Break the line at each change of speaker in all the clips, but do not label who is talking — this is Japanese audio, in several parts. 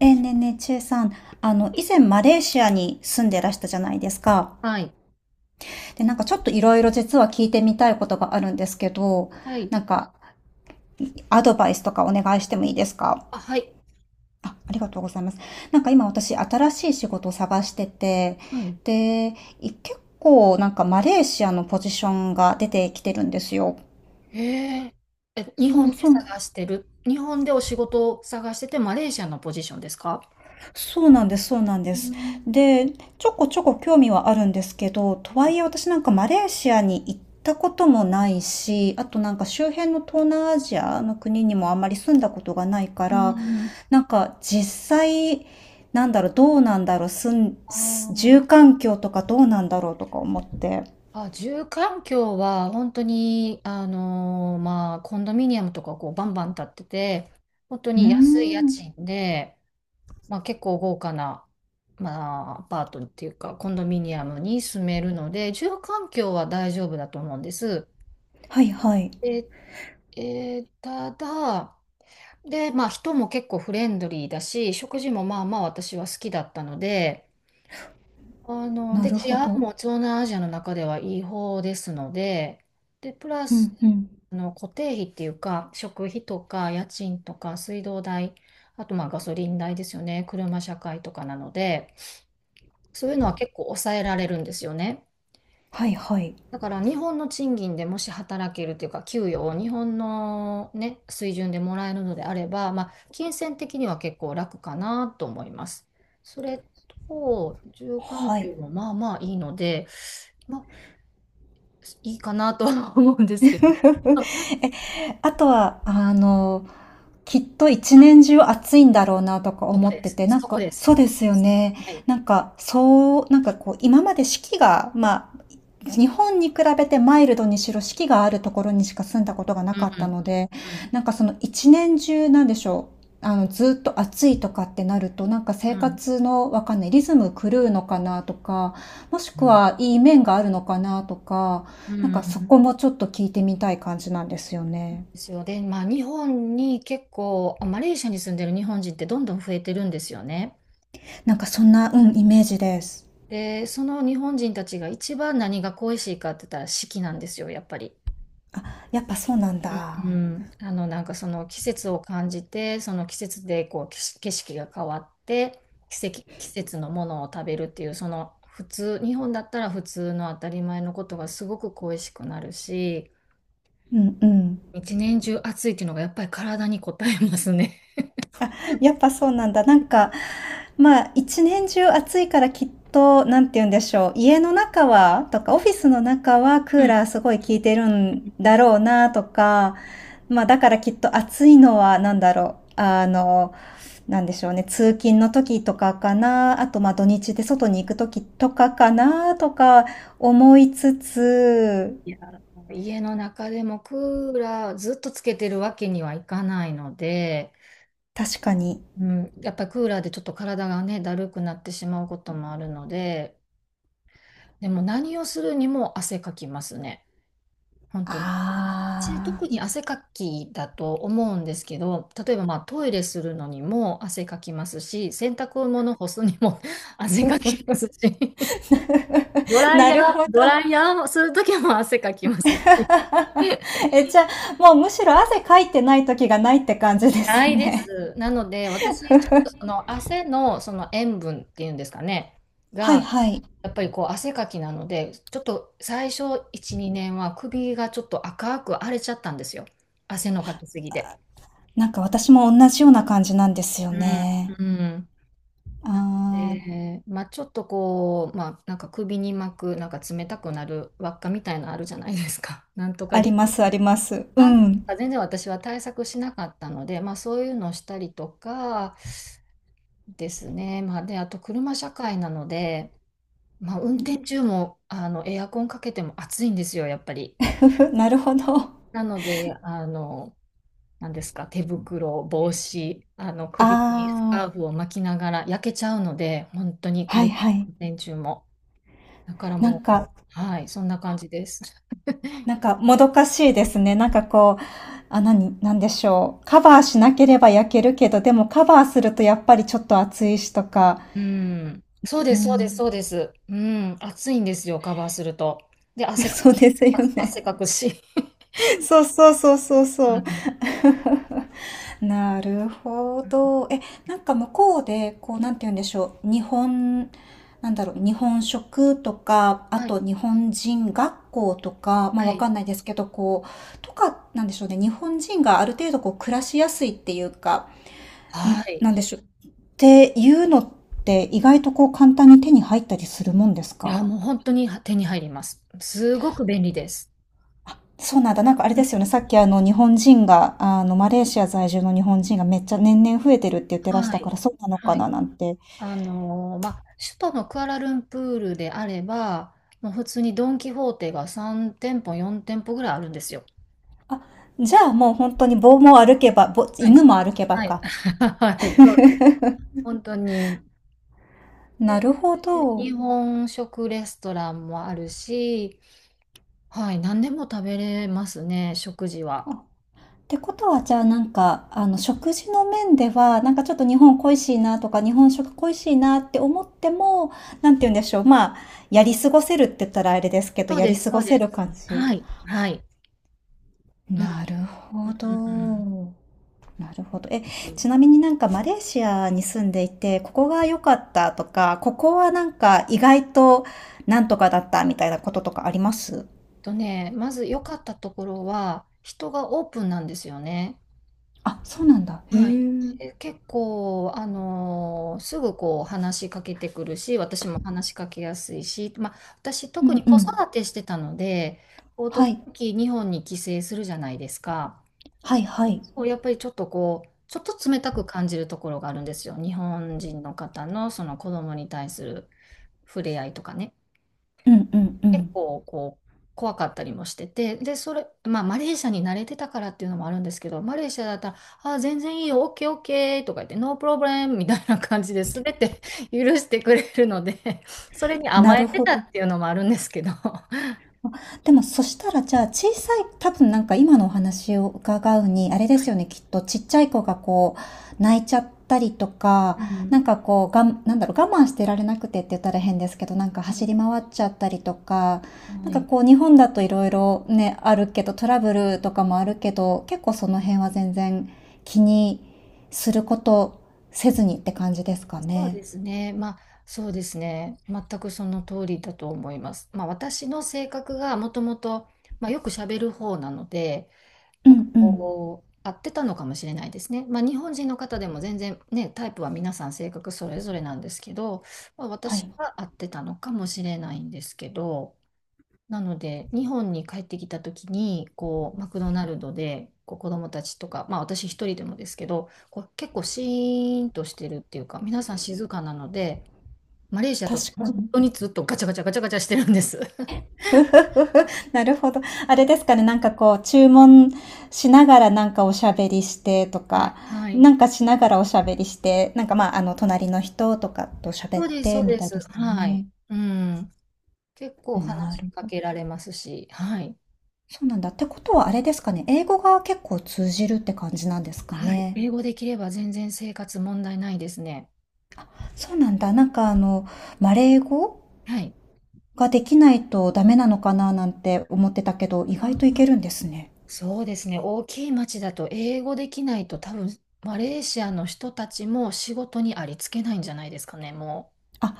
ねえねえ、ちえさん、以前マレーシアに住んでらしたじゃないですか。
はい。
で、なんかちょっといろいろ実は聞いてみたいことがあるんですけど、
はい。
なんかアドバイスとかお願いしてもいいですか
あ、はい。
あ、ありがとうございます。なんか今私新しい仕事を探してて、
はい。
で、結構なんかマレーシアのポジションが出てきてるんですよ。
へえー。え、日
そ
本
う
で
そう。
探してる。日本でお仕事を探してて、マレーシアのポジションですか？
そうなんです、そうなんで
う
す。
ん。
で、ちょこちょこ興味はあるんですけど、とは
う
いえ私なんかマレーシアに行ったこともないし、あとなんか周辺の東南アジアの国にもあんまり住んだことがないから、
ん。
なんか際、なんだろう、どうなんだろう、住ん、
あ
す住
ー
環境とかどうなんだろうとか思って。
あ、住環境は本当に、まあ、コンドミニアムとかこうバンバン建ってて、本当
うー
に安い家
ん。
賃で、まあ、結構豪華な、まあ、アパートっていうか、コンドミニアムに住めるので、住環境は大丈夫だと思うんです。
はいはい。
でただ、で、まあ人も結構フレンドリーだし、食事もまあまあ私は好きだったので、
な
で、
る
治
ほ
安
ど。
も東南アジアの中ではいい方ですので、で、プラ
う
ス、
んうん。
固定費っていうか、食費とか家賃とか水道代、あとまあガソリン代ですよね、車社会とかなので、そういうのは結構抑えられるんですよね。
はいはい。
だから日本の賃金でもし働けるというか、給与を日本のね、水準でもらえるのであれば、まあ、金銭的には結構楽かなと思います。それと、住環
はい。
境もまあまあいいので、まあ、いいかなとは思うんで す
え、
けど、
あとは、きっと一年中暑いんだろうなとか
そこ
思っ
で
て
す。
て、なん
そこ
か、
です。
そうで
そ
す
こで
よ
す。
ね。
はい。
なんか、そう、なんかこう、今まで四季が、まあ、日本に比べてマイルドにしろ四季があるところにしか住んだことがな
う
かった
ん。
ので、
うん。
なんかその一年中なんでしょう。あの、ずっと暑いとかってなると、なんか生活のわかんないリズム狂うのかなとか、もし
う
く
ん。
はいい面があるのかなとか、
う
なんかそ
ん。
こもちょっと聞いてみたい感じなんですよ
で
ね。
すよ。で、まあ、日本に結構、あ、マレーシアに住んでる日本人ってどんどん増えてるんですよね。
なんかそんな、うん、イメージです。
で、その日本人たちが一番何が恋しいかって言ったら四季なんですよ、やっぱり。
あ、やっぱそうなんだ。
うん、なんかその季節を感じてその季節でこう景色が変わって、季節のものを食べるっていう、その普通日本だったら普通の当たり前のことがすごく恋しくなるし、
うんうん。
一年中暑いっていうのがやっぱり体に応えますね。
やっぱそうなんだ。なんか、まあ、一年中暑いからきっと、なんて言うんでしょう。家の中は、とか、オフィスの中はクーラーすごい効いてるんだろうな、とか、まあ、だからきっと暑いのは、なんだろう。あの、なんでしょうね。通勤の時とかかな。あと、まあ、土日で外に行く時とかかな、とか思いつつ、
いや、家の中でもクーラーずっとつけてるわけにはいかないので。
確かに。
うん、やっぱりクーラーでちょっと体がね、だるくなってしまうこともあるので、でも何をするにも汗かきますね。本当に。私
あ
特
あ。
に汗かきだと思うんですけど、例えばまあトイレするのにも汗かきますし、洗濯物干すにも 汗かきますし、ド ライ
な
ヤー、
るほど。
ドライヤーをするときも汗かきますし。
え、じゃあ、もうむしろ汗かいてない時がないって感じで
な
す
いで
ね。
す。なので、私、ちょっとその汗のその塩分っていうんですかね、
はい
が、
はい。
やっぱりこう汗かきなので、ちょっと最初1、2年は首がちょっと赤く荒れちゃったんですよ。汗のかきすぎで。
なんか私も同じような感じなんですよ
うん。
ね。
うん。なの
ああ、
で、まあちょっとこう、まあなんか首に巻く、なんか冷たくなる輪っかみたいなのあるじゃないですか。なんとか
あ
リ
り
ン、
ますあります。う
あん
ん。
か全然私は対策しなかったので、まあそういうのをしたりとかですね。まあで、あと車社会なので、まあ運転中もエアコンかけても暑いんですよ、やっぱり。
なるほど。
なので、何ですか、手袋、帽子、首にス
ああ、
カーフを巻きながら焼けちゃうので、本当に車
はい
の
はい。
運転中も。だから
な
も
ん
う、
か、
はい、そんな感じです。
なんかもどかしいですね。なんかこう、あ、何なんでしょう。カバーしなければ焼けるけど、でもカバーするとやっぱりちょっと暑いしとか。
うん。そう
う
です、そうです、
ん。
そうです。うん。暑いんですよ、カバーすると。で、汗か
そう
く、
ですよ
汗
ね。
汗かくし。
そうそうそうそう
う
そう。
ん。
なるほど。え、なんか向こうで、こう、なんて言うんでしょう。日本、なんだろう、日本食とか、あ
はい、
と日本人学校とか、まあ
は
わ
い。
かんないですけど、こう、とか、なんでしょうね。日本人がある程度こう、暮らしやすいっていうか、
はい。
なんでしょう。っていうのって、意外とこう、簡単に手に入ったりするもんです
い
か
や、もう本当に手に入ります。すごく便利です。
そうなんだ。なんかあれ
うん。
ですよね。さっきあの日本人が、あのマレーシア在住の日本人がめっちゃ年々増えてるって言ってらし
は
たか
い。
らそうなのか
はい。
ななんて。
まあ、首都のクアラルンプールであれば、もう普通にドン・キホーテが3店舗、4店舗ぐらいあるんですよ。
あ、じゃあもう本当に棒も歩けば、ぼ
はい。
犬も歩けば
はい。
か。
はい。そうです。本当に。
な
で、
るほど。
日本食レストランもあるし、はい。何でも食べれますね、食事
あ
は。
ってことはじゃあなんか、あの食事の面では、なんかちょっと日本恋しいなとか日本食恋しいなって思っても、なんて言うんでしょう。まあ、やり過ごせるって言ったらあれですけど、
そう
や
で
り
す、
過
そ
ご
うで
せる
す。
感じ。
はい。はい。うん、
なるほ
うん、うん。
ど。なるほど。え、
えっ
ちなみになんかマレーシアに住んでいて、ここが良かったとか、ここはなんか意外となんとかだったみたいなこととかあります
ね、まず良かったところは、人がオープンなんですよね。
あ、そうなんだ。へえ。
はい、
うん
結構、すぐこう話しかけてくるし、私も話しかけやすいし、まあ、私
う
特に子
ん。
育てしてたので、こう
は
時
い。
々日本に帰省するじゃないですか。
はいはい。
こうやっぱりちょっとこう、ちょっと冷たく感じるところがあるんですよ。日本人の方のその子供に対する触れ合いとかね。
うんうんう
結
ん。
構こう怖かったりもしてて、で、それ、まあ、マレーシアに慣れてたからっていうのもあるんですけど、マレーシアだったら、あー、全然いいよ、オッケーオッケーとか言って、ノープロブレムみたいな感じで、全て 許してくれるので、それに甘
な
え
る
て
ほ
たっ
ど。
ていうのもあるんですけど。
でも、そしたら、じゃあ、小さい、多分なんか今のお話を伺うに、あれですよね、きっと、ちっちゃい子がこう、泣いちゃったりとか、
う
な
ん。
んかこう、なんだろう、我慢してられなくてって言ったら変ですけど、なんか
は
走
い、
り回っちゃったりとか、な
は
んか
い。
こう、日本だといろいろね、あるけど、トラブルとかもあるけど、結構その辺は全然気にすることせずにって感じですか
そう
ね。
ですね、まあ、そうですね、全くその通りだと思います。まあ、私の性格がもともと、まあ、よく喋る方なので、
う
なんか
んうん。
こう、合ってたのかもしれないですね。まあ、日本人の方でも全然ね、タイプは皆さん性格それぞれなんですけど、まあ、
は
私
い。
は合ってたのかもしれないんですけど、なので、日本に帰ってきた時に、こう、マクドナルドで、こう、子供たちとか、まあ、私一人でもですけど、こう、結構シーンとしてるっていうか、皆さん静かなので、マレーシアと
確か
本
に。
当にずっとガチャガチャガチャガチャしてるんです。
なるほど。あれですかね、なんかこう、注文しながらなんかおしゃべりしてと
はい。
か、
はい。
なんかしながらおしゃべりして、なんかまあ、あの、隣の人とかと喋
そ
っ
うです、そ
て
う
み
で
たいで
す。
すか
はい。
ね。
うん。結構話
な
し
る
か
ほど。
けられますし、はい。
そうなんだ。ってことはあれですかね、英語が結構通じるって感じなんですか
はい。
ね。
英語できれば全然生活問題ないですね。
そうなんだ。なんかあの、マレー語
はい。
ができないとダメなのかななんて思ってたけど、意外といけるんですね。
そうですね。大きい町だと英語できないと多分、マレーシアの人たちも仕事にありつけないんじゃないですかね、も
あ、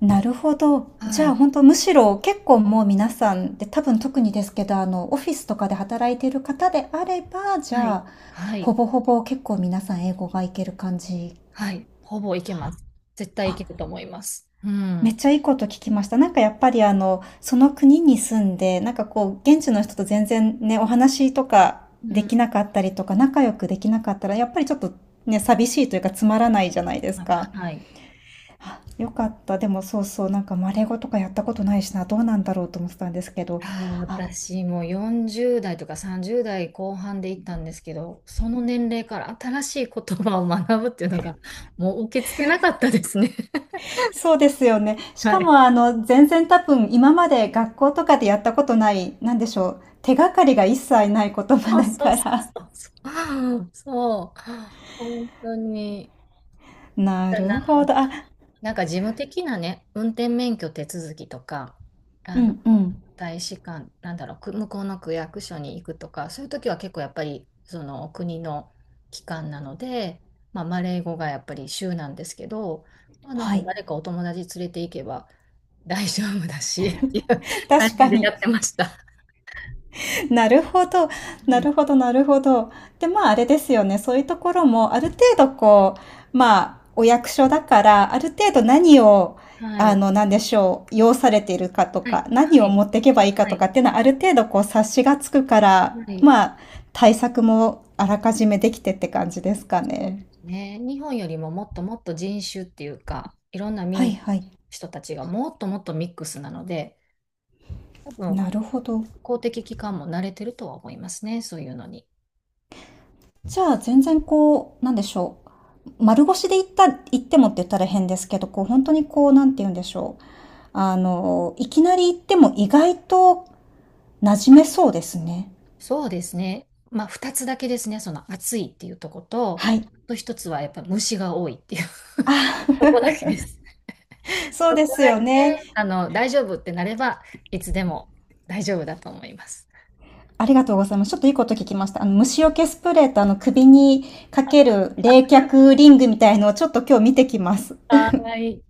なるほど。
う。
じ
は
ゃあ、
い。
本当むしろ結構もう皆さんで、多分特にですけど、あの、オフィスとかで働いている方であれば、じ
は
ゃ
い。
あ、
は
ほ
い。
ぼほぼ結構皆さん英語がいける感じ。
はい。ほぼいけます。絶対いける
あ、
と思います。う
めっ
ん。
ちゃいいこと聞きました。なんかやっぱりあの、その国に住んで、なんかこう、現地の人と全然ね、お話とか
う
で
ん。
きなかったりとか、仲良くできなかったら、やっぱりちょっとね、寂しいというかつまらないじゃないです
はい。
か。
はい。
あ、よかった。でもそうそう、なんかマレゴ語とかやったことないしな、どうなんだろうと思ってたんですけど、
あー、
あ、
私も40代とか30代後半で行ったんですけど、その年齢から新しい言葉を学ぶっていうのが、もう受け付けなかったですね。
そうですよね。し
は
か
い。
もあの、全然多分今まで学校とかでやったことない、なんでしょう、手がかりが一切ない言葉
そう
だ
そう
か
そ
ら。
うそう。そう。本当に。
なるほど。あ、
なんか事務的なね、運転免許手続きとか、
う
あの、
んうん。
大使館、なんだろう、向こうの区役所に行くとか、そういう時は結構やっぱり、その国の機関なので、まあ、マレー語がやっぱり州なんですけど、まあ、なん
は
か
い。
誰かお友達連れて行けば大丈夫だし、っていう感
確
じ
か
でや
に。
ってました。
なるほど。
は
な
い。
るほど、なるほど。で、まあ、あれですよね。そういうところも、ある程度こう、まあ、お役所だから、ある程度何を、
は
あ
い。
の、なんでしょう、要されているかと
は
か、
い。
何
は
を
い。
持っていけばいいか
は
と
い。
かっていうのは、ある程度こう、察しがつくから、
はい。
まあ、対策もあらかじめできてって感じですかね。
ね、日本よりももっともっと人種っていうか、いろんな
は
民
い
族の
はい。
人たちがもっともっとミックスなので、多分
なるほど。
公的機関も慣れてるとは思いますね、そういうのに。
じゃあ、全然こう、なんでしょう。丸腰で行った、行ってもって言ったら変ですけど、こう、本当にこう、なんて言うんでしょう。あの、いきなり行っても意外と馴染めそうですね。
そうですね。まあ、2つだけですね、その暑いっていうとこと、
はい。
あと1つはやっぱ虫が多いっていう、
あ、
そこ だけです。
そう
そこ
で
だ
すよ
け、
ね。
大丈夫ってなれば、いつでも大丈夫だと思います。
ありがとうございます。ちょっといいこと聞きました。あの、虫除けスプレーとあの、首にかける冷却リングみたいのをちょっと今日見てきます。
はーい。